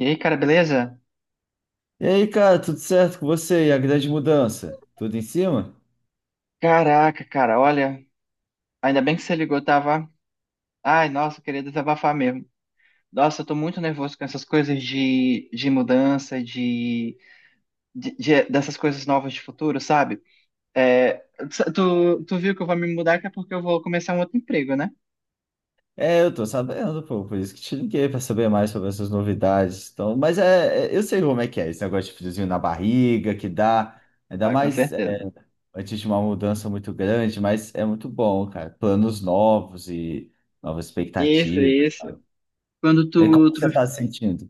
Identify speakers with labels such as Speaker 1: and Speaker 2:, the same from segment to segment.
Speaker 1: E aí, cara, beleza?
Speaker 2: E aí, cara, tudo certo com você? E a grande mudança? Tudo em cima?
Speaker 1: Caraca, cara, olha, ainda bem que você ligou, tava. Ai, nossa, eu queria desabafar mesmo. Nossa, eu tô muito nervoso com essas coisas de, mudança, de, dessas coisas novas de futuro, sabe? É, tu viu que eu vou me mudar que é porque eu vou começar um outro emprego, né?
Speaker 2: É, eu tô sabendo, pô, por isso que te liguei pra saber mais sobre essas novidades. Então, mas eu sei como é que é, esse negócio de friozinho na barriga que dá, ainda
Speaker 1: Ah, com
Speaker 2: mais
Speaker 1: certeza.
Speaker 2: antes de uma mudança muito grande, mas é muito bom, cara. Planos novos e novas
Speaker 1: Isso,
Speaker 2: expectativas,
Speaker 1: isso.
Speaker 2: sabe?
Speaker 1: Quando
Speaker 2: E como
Speaker 1: tu
Speaker 2: você tá se sentindo?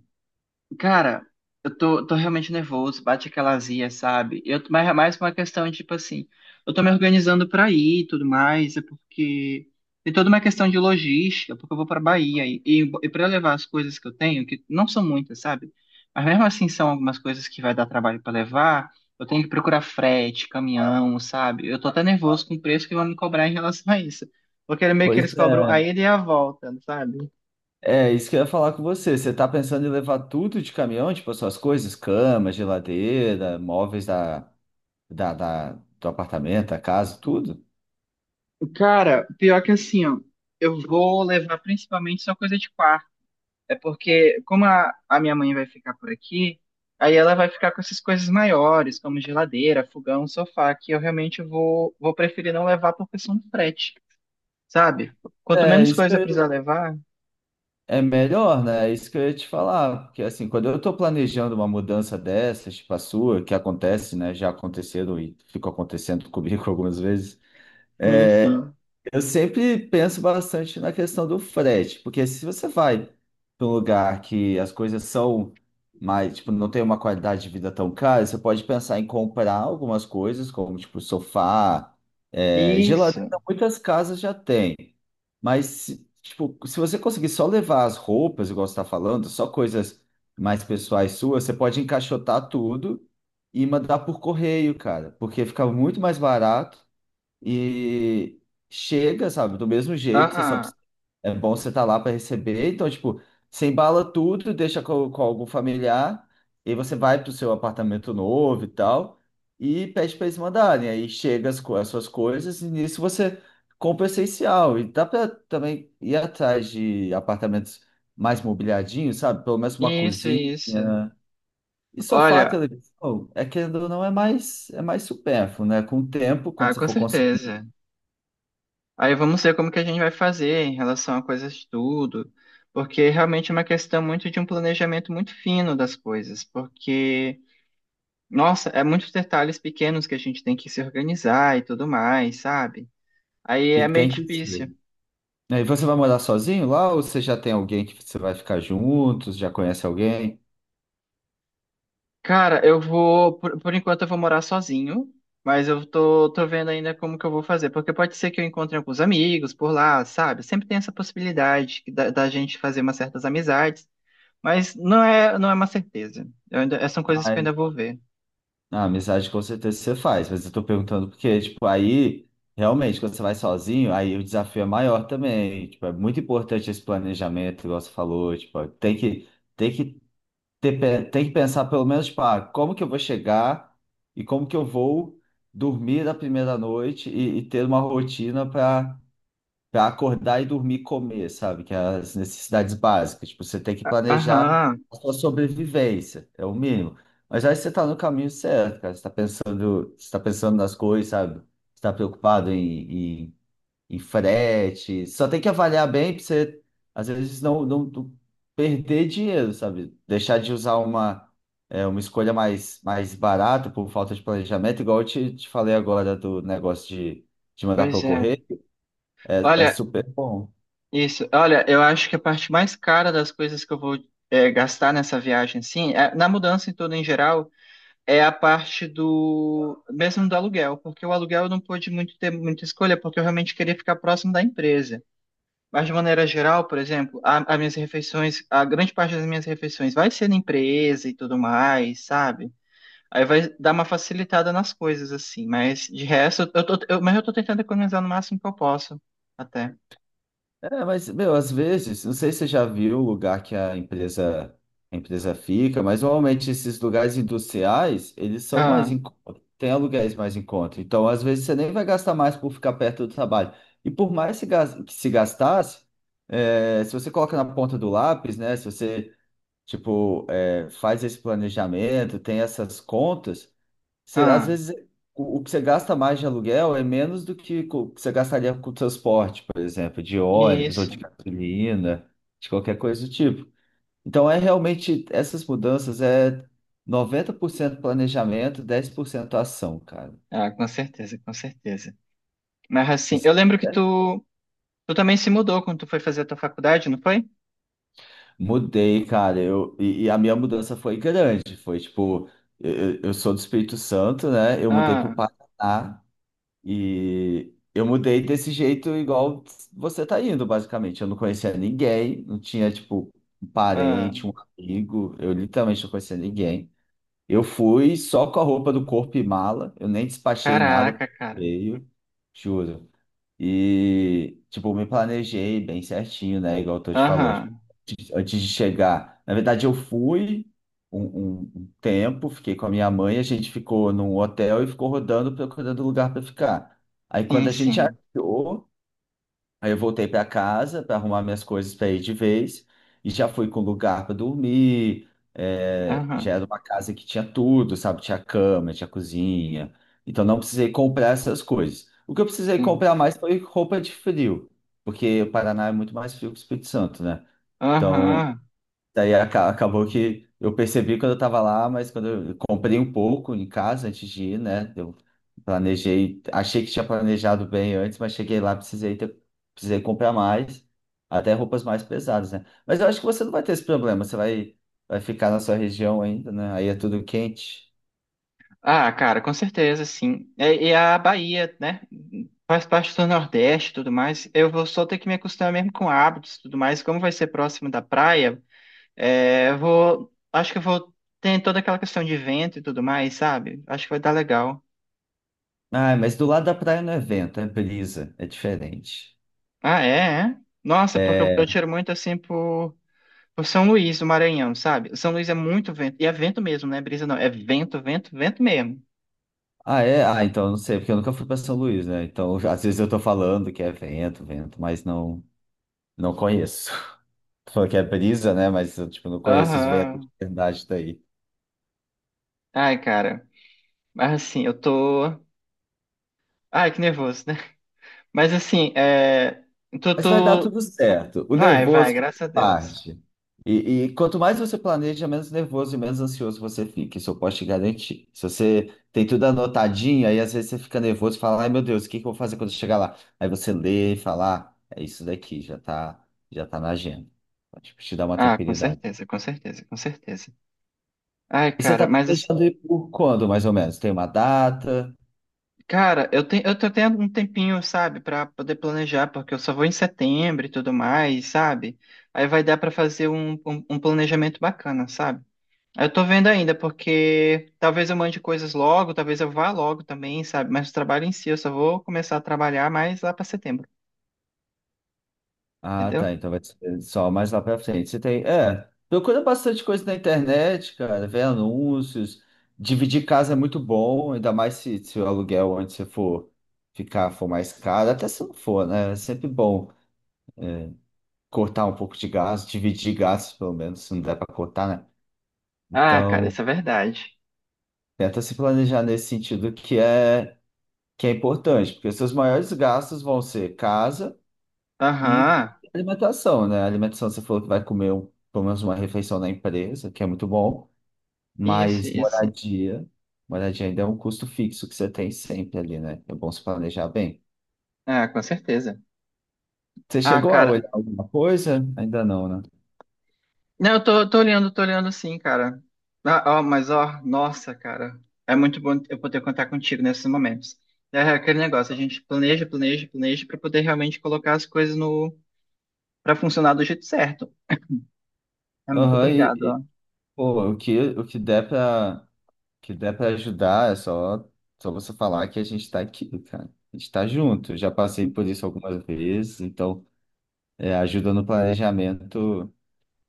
Speaker 1: Cara, eu tô realmente nervoso, bate aquela azia, sabe? Eu, mas é mais uma questão, tipo assim, eu tô me organizando pra ir e tudo mais, é porque tem toda uma questão de logística, porque eu vou pra Bahia e para levar as coisas que eu tenho, que não são muitas, sabe? Mas mesmo assim são algumas coisas que vai dar trabalho pra levar, eu tenho que procurar frete, caminhão, sabe? Eu tô até nervoso com o preço que vão me cobrar em relação a isso. Porque é meio que eles
Speaker 2: Pois é,
Speaker 1: cobram a ida e a volta, sabe?
Speaker 2: é isso que eu ia falar com você. Você tá pensando em levar tudo de caminhão, tipo as suas coisas, cama, geladeira, móveis da, da- do apartamento, a casa, tudo.
Speaker 1: Cara, pior que assim, ó, eu vou levar principalmente só coisa de quarto. É porque, como a minha mãe vai ficar por aqui, aí ela vai ficar com essas coisas maiores, como geladeira, fogão, sofá, que eu realmente vou preferir não levar por questão do frete, sabe? Quanto
Speaker 2: É,
Speaker 1: menos
Speaker 2: isso que
Speaker 1: coisa precisar
Speaker 2: eu-
Speaker 1: levar.
Speaker 2: É melhor, né? É isso que eu ia te falar. Porque, assim, quando eu tô planejando uma mudança dessas, tipo a sua, que acontece, né? Já aconteceram e ficou acontecendo comigo algumas vezes.
Speaker 1: Sim,
Speaker 2: é,
Speaker 1: sim.
Speaker 2: Eu sempre penso bastante na questão do frete, porque se você vai para um lugar que as coisas são mais, tipo, não tem uma qualidade de vida tão cara, você pode pensar em comprar algumas coisas, como, tipo, sofá,
Speaker 1: Isso.
Speaker 2: geladeira, muitas casas já têm. Mas, tipo, se você conseguir só levar as roupas, igual você está falando, só coisas mais pessoais suas, você pode encaixotar tudo e mandar por correio, cara, porque fica muito mais barato e chega, sabe, do mesmo jeito,
Speaker 1: Aham.
Speaker 2: é bom você estar lá para receber. Então, tipo, você embala tudo, deixa com algum familiar, e você vai para o seu apartamento novo e tal, e pede para eles mandarem. Aí chega as suas coisas, e nisso você compra o essencial. E dá para também ir atrás de apartamentos mais mobiliadinhos, sabe? Pelo menos uma
Speaker 1: Isso,
Speaker 2: cozinha.
Speaker 1: isso.
Speaker 2: E sofá,
Speaker 1: Olha,
Speaker 2: televisão, é querendo ou não, é mais supérfluo, né? Com o tempo, quando
Speaker 1: ah,
Speaker 2: você
Speaker 1: com
Speaker 2: for conseguir.
Speaker 1: certeza. Aí vamos ver como que a gente vai fazer em relação a coisas de tudo, porque realmente é uma questão muito de um planejamento muito fino das coisas, porque, nossa, é muitos detalhes pequenos que a gente tem que se organizar e tudo mais, sabe? Aí
Speaker 2: E
Speaker 1: é meio
Speaker 2: tem que ser.
Speaker 1: difícil.
Speaker 2: E você vai morar sozinho lá ou você já tem alguém que você vai ficar juntos, já conhece alguém?
Speaker 1: Cara, eu vou, por enquanto eu vou morar sozinho, mas eu tô vendo ainda como que eu vou fazer, porque pode ser que eu encontre alguns amigos por lá, sabe? Sempre tem essa possibilidade que da, da gente fazer umas certas amizades. Mas não é uma certeza. Eu ainda, essas são coisas que eu
Speaker 2: Ai,
Speaker 1: ainda vou ver.
Speaker 2: a amizade com certeza você faz, mas eu tô perguntando porque, tipo, aí, realmente, quando você vai sozinho, aí o desafio é maior também. Tipo, é muito importante esse planejamento, igual você falou, tipo, tem que ter, tem que pensar pelo menos, tipo, ah, como que eu vou chegar e como que eu vou dormir a primeira noite e ter uma rotina para pra acordar e dormir e comer, sabe? Que é as necessidades básicas. Tipo, você tem que planejar
Speaker 1: Aham,
Speaker 2: a sua sobrevivência, é o mínimo. Mas aí você tá no caminho certo, cara. Você tá pensando nas coisas, sabe? Você tá preocupado em frete. Só tem que avaliar bem pra você, às vezes, não perder dinheiro, sabe? Deixar de usar uma, uma escolha mais, mais barata por falta de planejamento, igual eu te falei agora do negócio de mandar para
Speaker 1: pois
Speaker 2: eu
Speaker 1: é.
Speaker 2: correr. É, é
Speaker 1: Olha,
Speaker 2: super bom.
Speaker 1: isso. Olha, eu acho que a parte mais cara das coisas que eu vou é, gastar nessa viagem, sim, é- na mudança em todo em geral, é a parte do, mesmo do aluguel, porque o aluguel eu não pude muito ter muita escolha, porque eu realmente queria ficar próximo da empresa. Mas de maneira geral, por exemplo, a- as minhas refeições, a grande parte das minhas refeições vai ser na empresa e tudo mais, sabe? Aí vai dar uma facilitada nas coisas, assim. Mas de resto, eu tô, eu- mas eu tô tentando economizar no máximo que eu posso, até.
Speaker 2: É, mas, meu, às vezes, não sei se você já viu o lugar que a empresa fica, mas normalmente esses lugares industriais, eles são mais
Speaker 1: Ah,
Speaker 2: tem aluguéis mais em conta. Então, às vezes, você nem vai gastar mais por ficar perto do trabalho. E por mais se gas- que se gastasse, é, se você coloca na ponta do lápis, né? Se você, tipo, é, faz esse planejamento, tem essas contas, você, às
Speaker 1: ah,
Speaker 2: vezes, o que você gasta mais de aluguel é menos do que que você gastaria com o transporte, por exemplo, de ônibus ou
Speaker 1: isso.
Speaker 2: de gasolina, de qualquer coisa do tipo. Então, é realmente, essas mudanças é 90% planejamento, 10% ação, cara.
Speaker 1: Ah, com certeza, com certeza. Mas assim,
Speaker 2: Isso
Speaker 1: eu
Speaker 2: tá
Speaker 1: lembro que
Speaker 2: certo.
Speaker 1: tu, tu também se mudou quando tu foi fazer a tua faculdade, não foi?
Speaker 2: Mudei, cara. E a minha mudança foi grande. Foi tipo, eu sou do Espírito Santo, né? Eu mudei pro
Speaker 1: Ah,
Speaker 2: Paraná. E eu mudei desse jeito igual você tá indo, basicamente. Eu não conhecia ninguém, não tinha, tipo, um
Speaker 1: ah.
Speaker 2: parente, um amigo. Eu literalmente não conhecia ninguém. Eu fui só com a roupa do corpo e mala. Eu nem despachei nada
Speaker 1: Caraca,
Speaker 2: pro
Speaker 1: cara.
Speaker 2: correio, juro. E, tipo, me planejei bem certinho, né? Igual eu tô te falando. Tipo,
Speaker 1: Aham,
Speaker 2: antes de chegar. Na verdade, eu fui um, um tempo, fiquei com a minha mãe, a gente ficou num hotel e ficou rodando, procurando lugar para ficar. Aí, quando
Speaker 1: sim,
Speaker 2: a gente
Speaker 1: sim.
Speaker 2: achou, aí eu voltei para casa para arrumar minhas coisas para ir de vez e já fui com lugar para dormir.
Speaker 1: Aham,
Speaker 2: Já era uma casa que tinha tudo, sabe? Tinha cama, tinha cozinha. Então não precisei comprar essas coisas. O que eu precisei
Speaker 1: sim.
Speaker 2: comprar mais foi roupa de frio, porque o Paraná é muito mais frio que o Espírito Santo, né? Então
Speaker 1: Aham.
Speaker 2: daí acabou que eu percebi quando eu estava lá, mas quando eu comprei um pouco em casa antes de ir, né? Eu planejei, achei que tinha planejado bem antes, mas cheguei lá, precisei comprar mais, até roupas mais pesadas, né? Mas eu acho que você não vai ter esse problema, vai ficar na sua região ainda, né? Aí é tudo quente.
Speaker 1: Ah, cara, com certeza, sim. E a Bahia, né? Faz parte do Nordeste e tudo mais. Eu vou só ter que me acostumar mesmo com hábitos e tudo mais. Como vai ser próximo da praia, é, eu vou. Acho que eu vou. Tem toda aquela questão de vento e tudo mais, sabe? Acho que vai dar legal.
Speaker 2: Ah, mas do lado da praia não é vento, é brisa, é diferente.
Speaker 1: Ah, é? É? Nossa, porque eu
Speaker 2: É...
Speaker 1: tiro muito assim por São Luís, do Maranhão, sabe? São Luís é muito vento. E é vento mesmo, não é brisa, não. É vento, vento, vento mesmo.
Speaker 2: É? Ah, então eu não sei, porque eu nunca fui para São Luís, né? Então às vezes eu tô falando que é vento, vento, mas não. Não conheço. Tu falou que é brisa, né? Mas eu, tipo, não conheço os ventos de
Speaker 1: Aham.
Speaker 2: verdade daí.
Speaker 1: Ai, cara. Mas assim, eu tô. Ai, que nervoso, né? Mas assim, é, tu,
Speaker 2: Mas vai dar
Speaker 1: tu...
Speaker 2: tudo certo. O
Speaker 1: Vai, vai,
Speaker 2: nervoso faz
Speaker 1: graças a Deus.
Speaker 2: parte. E quanto mais você planeja, menos nervoso e menos ansioso você fica. Isso eu posso te garantir. Se você tem tudo anotadinho, aí às vezes você fica nervoso e fala, ai meu Deus, o que que eu vou fazer quando eu chegar lá? Aí você lê e fala, ah, é isso daqui, já tá na agenda. Tipo, te dá uma
Speaker 1: Ah, com
Speaker 2: tranquilidade.
Speaker 1: certeza, com certeza, com certeza. Ai,
Speaker 2: E você tá
Speaker 1: cara, mas, assim,
Speaker 2: planejando ir por quando, mais ou menos? Tem uma data?
Speaker 1: cara, eu tenho, eu tô tendo um tempinho, sabe, pra poder planejar, porque eu só vou em setembro e tudo mais, sabe? Aí vai dar pra fazer um planejamento bacana, sabe? Aí eu tô vendo ainda, porque talvez eu mande coisas logo, talvez eu vá logo também, sabe? Mas o trabalho em si, eu só vou começar a trabalhar mais lá pra setembro,
Speaker 2: Ah,
Speaker 1: entendeu?
Speaker 2: tá. Então vai ser só mais lá pra frente. Você tem. É, procura bastante coisa na internet, cara. Vê anúncios. Dividir casa é muito bom, ainda mais se o aluguel onde você for ficar for mais caro. Até se não for, né? É sempre bom cortar um pouco de gasto, dividir gastos, pelo menos, se não der pra cortar, né?
Speaker 1: Ah, cara, isso
Speaker 2: Então,
Speaker 1: é verdade.
Speaker 2: tenta se planejar nesse sentido que é importante, porque seus maiores gastos vão ser casa. E
Speaker 1: Aham.
Speaker 2: alimentação, né? Alimentação, você falou que vai comer pelo menos uma refeição na empresa, que é muito bom,
Speaker 1: Isso,
Speaker 2: mas
Speaker 1: isso.
Speaker 2: moradia ainda é um custo fixo que você tem sempre ali, né? É bom se planejar bem.
Speaker 1: É, com certeza.
Speaker 2: Você
Speaker 1: Ah,
Speaker 2: chegou a
Speaker 1: cara.
Speaker 2: olhar alguma coisa? Ainda não, né?
Speaker 1: Não, eu tô olhando, tô olhando sim, cara. Ah, ó, mas ó, nossa, cara. É muito bom eu poder contar contigo nesses momentos. É é aquele negócio, a gente planeja, planeja, planeja pra poder realmente colocar as coisas no para funcionar do jeito certo. É, muito
Speaker 2: Aham,
Speaker 1: obrigado,
Speaker 2: e,
Speaker 1: ó.
Speaker 2: pô, o que der pra, o que der pra ajudar é só, só você falar que a gente tá aqui, cara. A gente tá junto, já passei por isso algumas vezes, então é, ajuda no planejamento.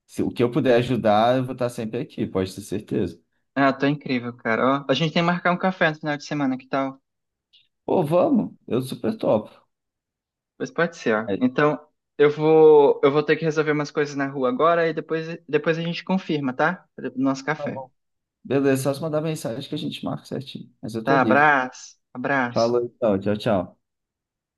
Speaker 2: Se o que eu puder ajudar, eu vou estar sempre aqui, pode ter certeza.
Speaker 1: Ah, tô incrível, cara. Ó, a gente tem que marcar um café no final de semana, que tal?
Speaker 2: Pô, vamos, eu super topo.
Speaker 1: Pois pode ser, ó.
Speaker 2: Aí,
Speaker 1: Então, eu vou ter que resolver umas coisas na rua agora e depois a gente confirma, tá? Do nosso
Speaker 2: tá
Speaker 1: café.
Speaker 2: bom. Beleza, só se mandar mensagem que a gente marca certinho. Mas eu tô
Speaker 1: Tá,
Speaker 2: livre.
Speaker 1: abraço, abraço.
Speaker 2: Falou então, tchau, tchau.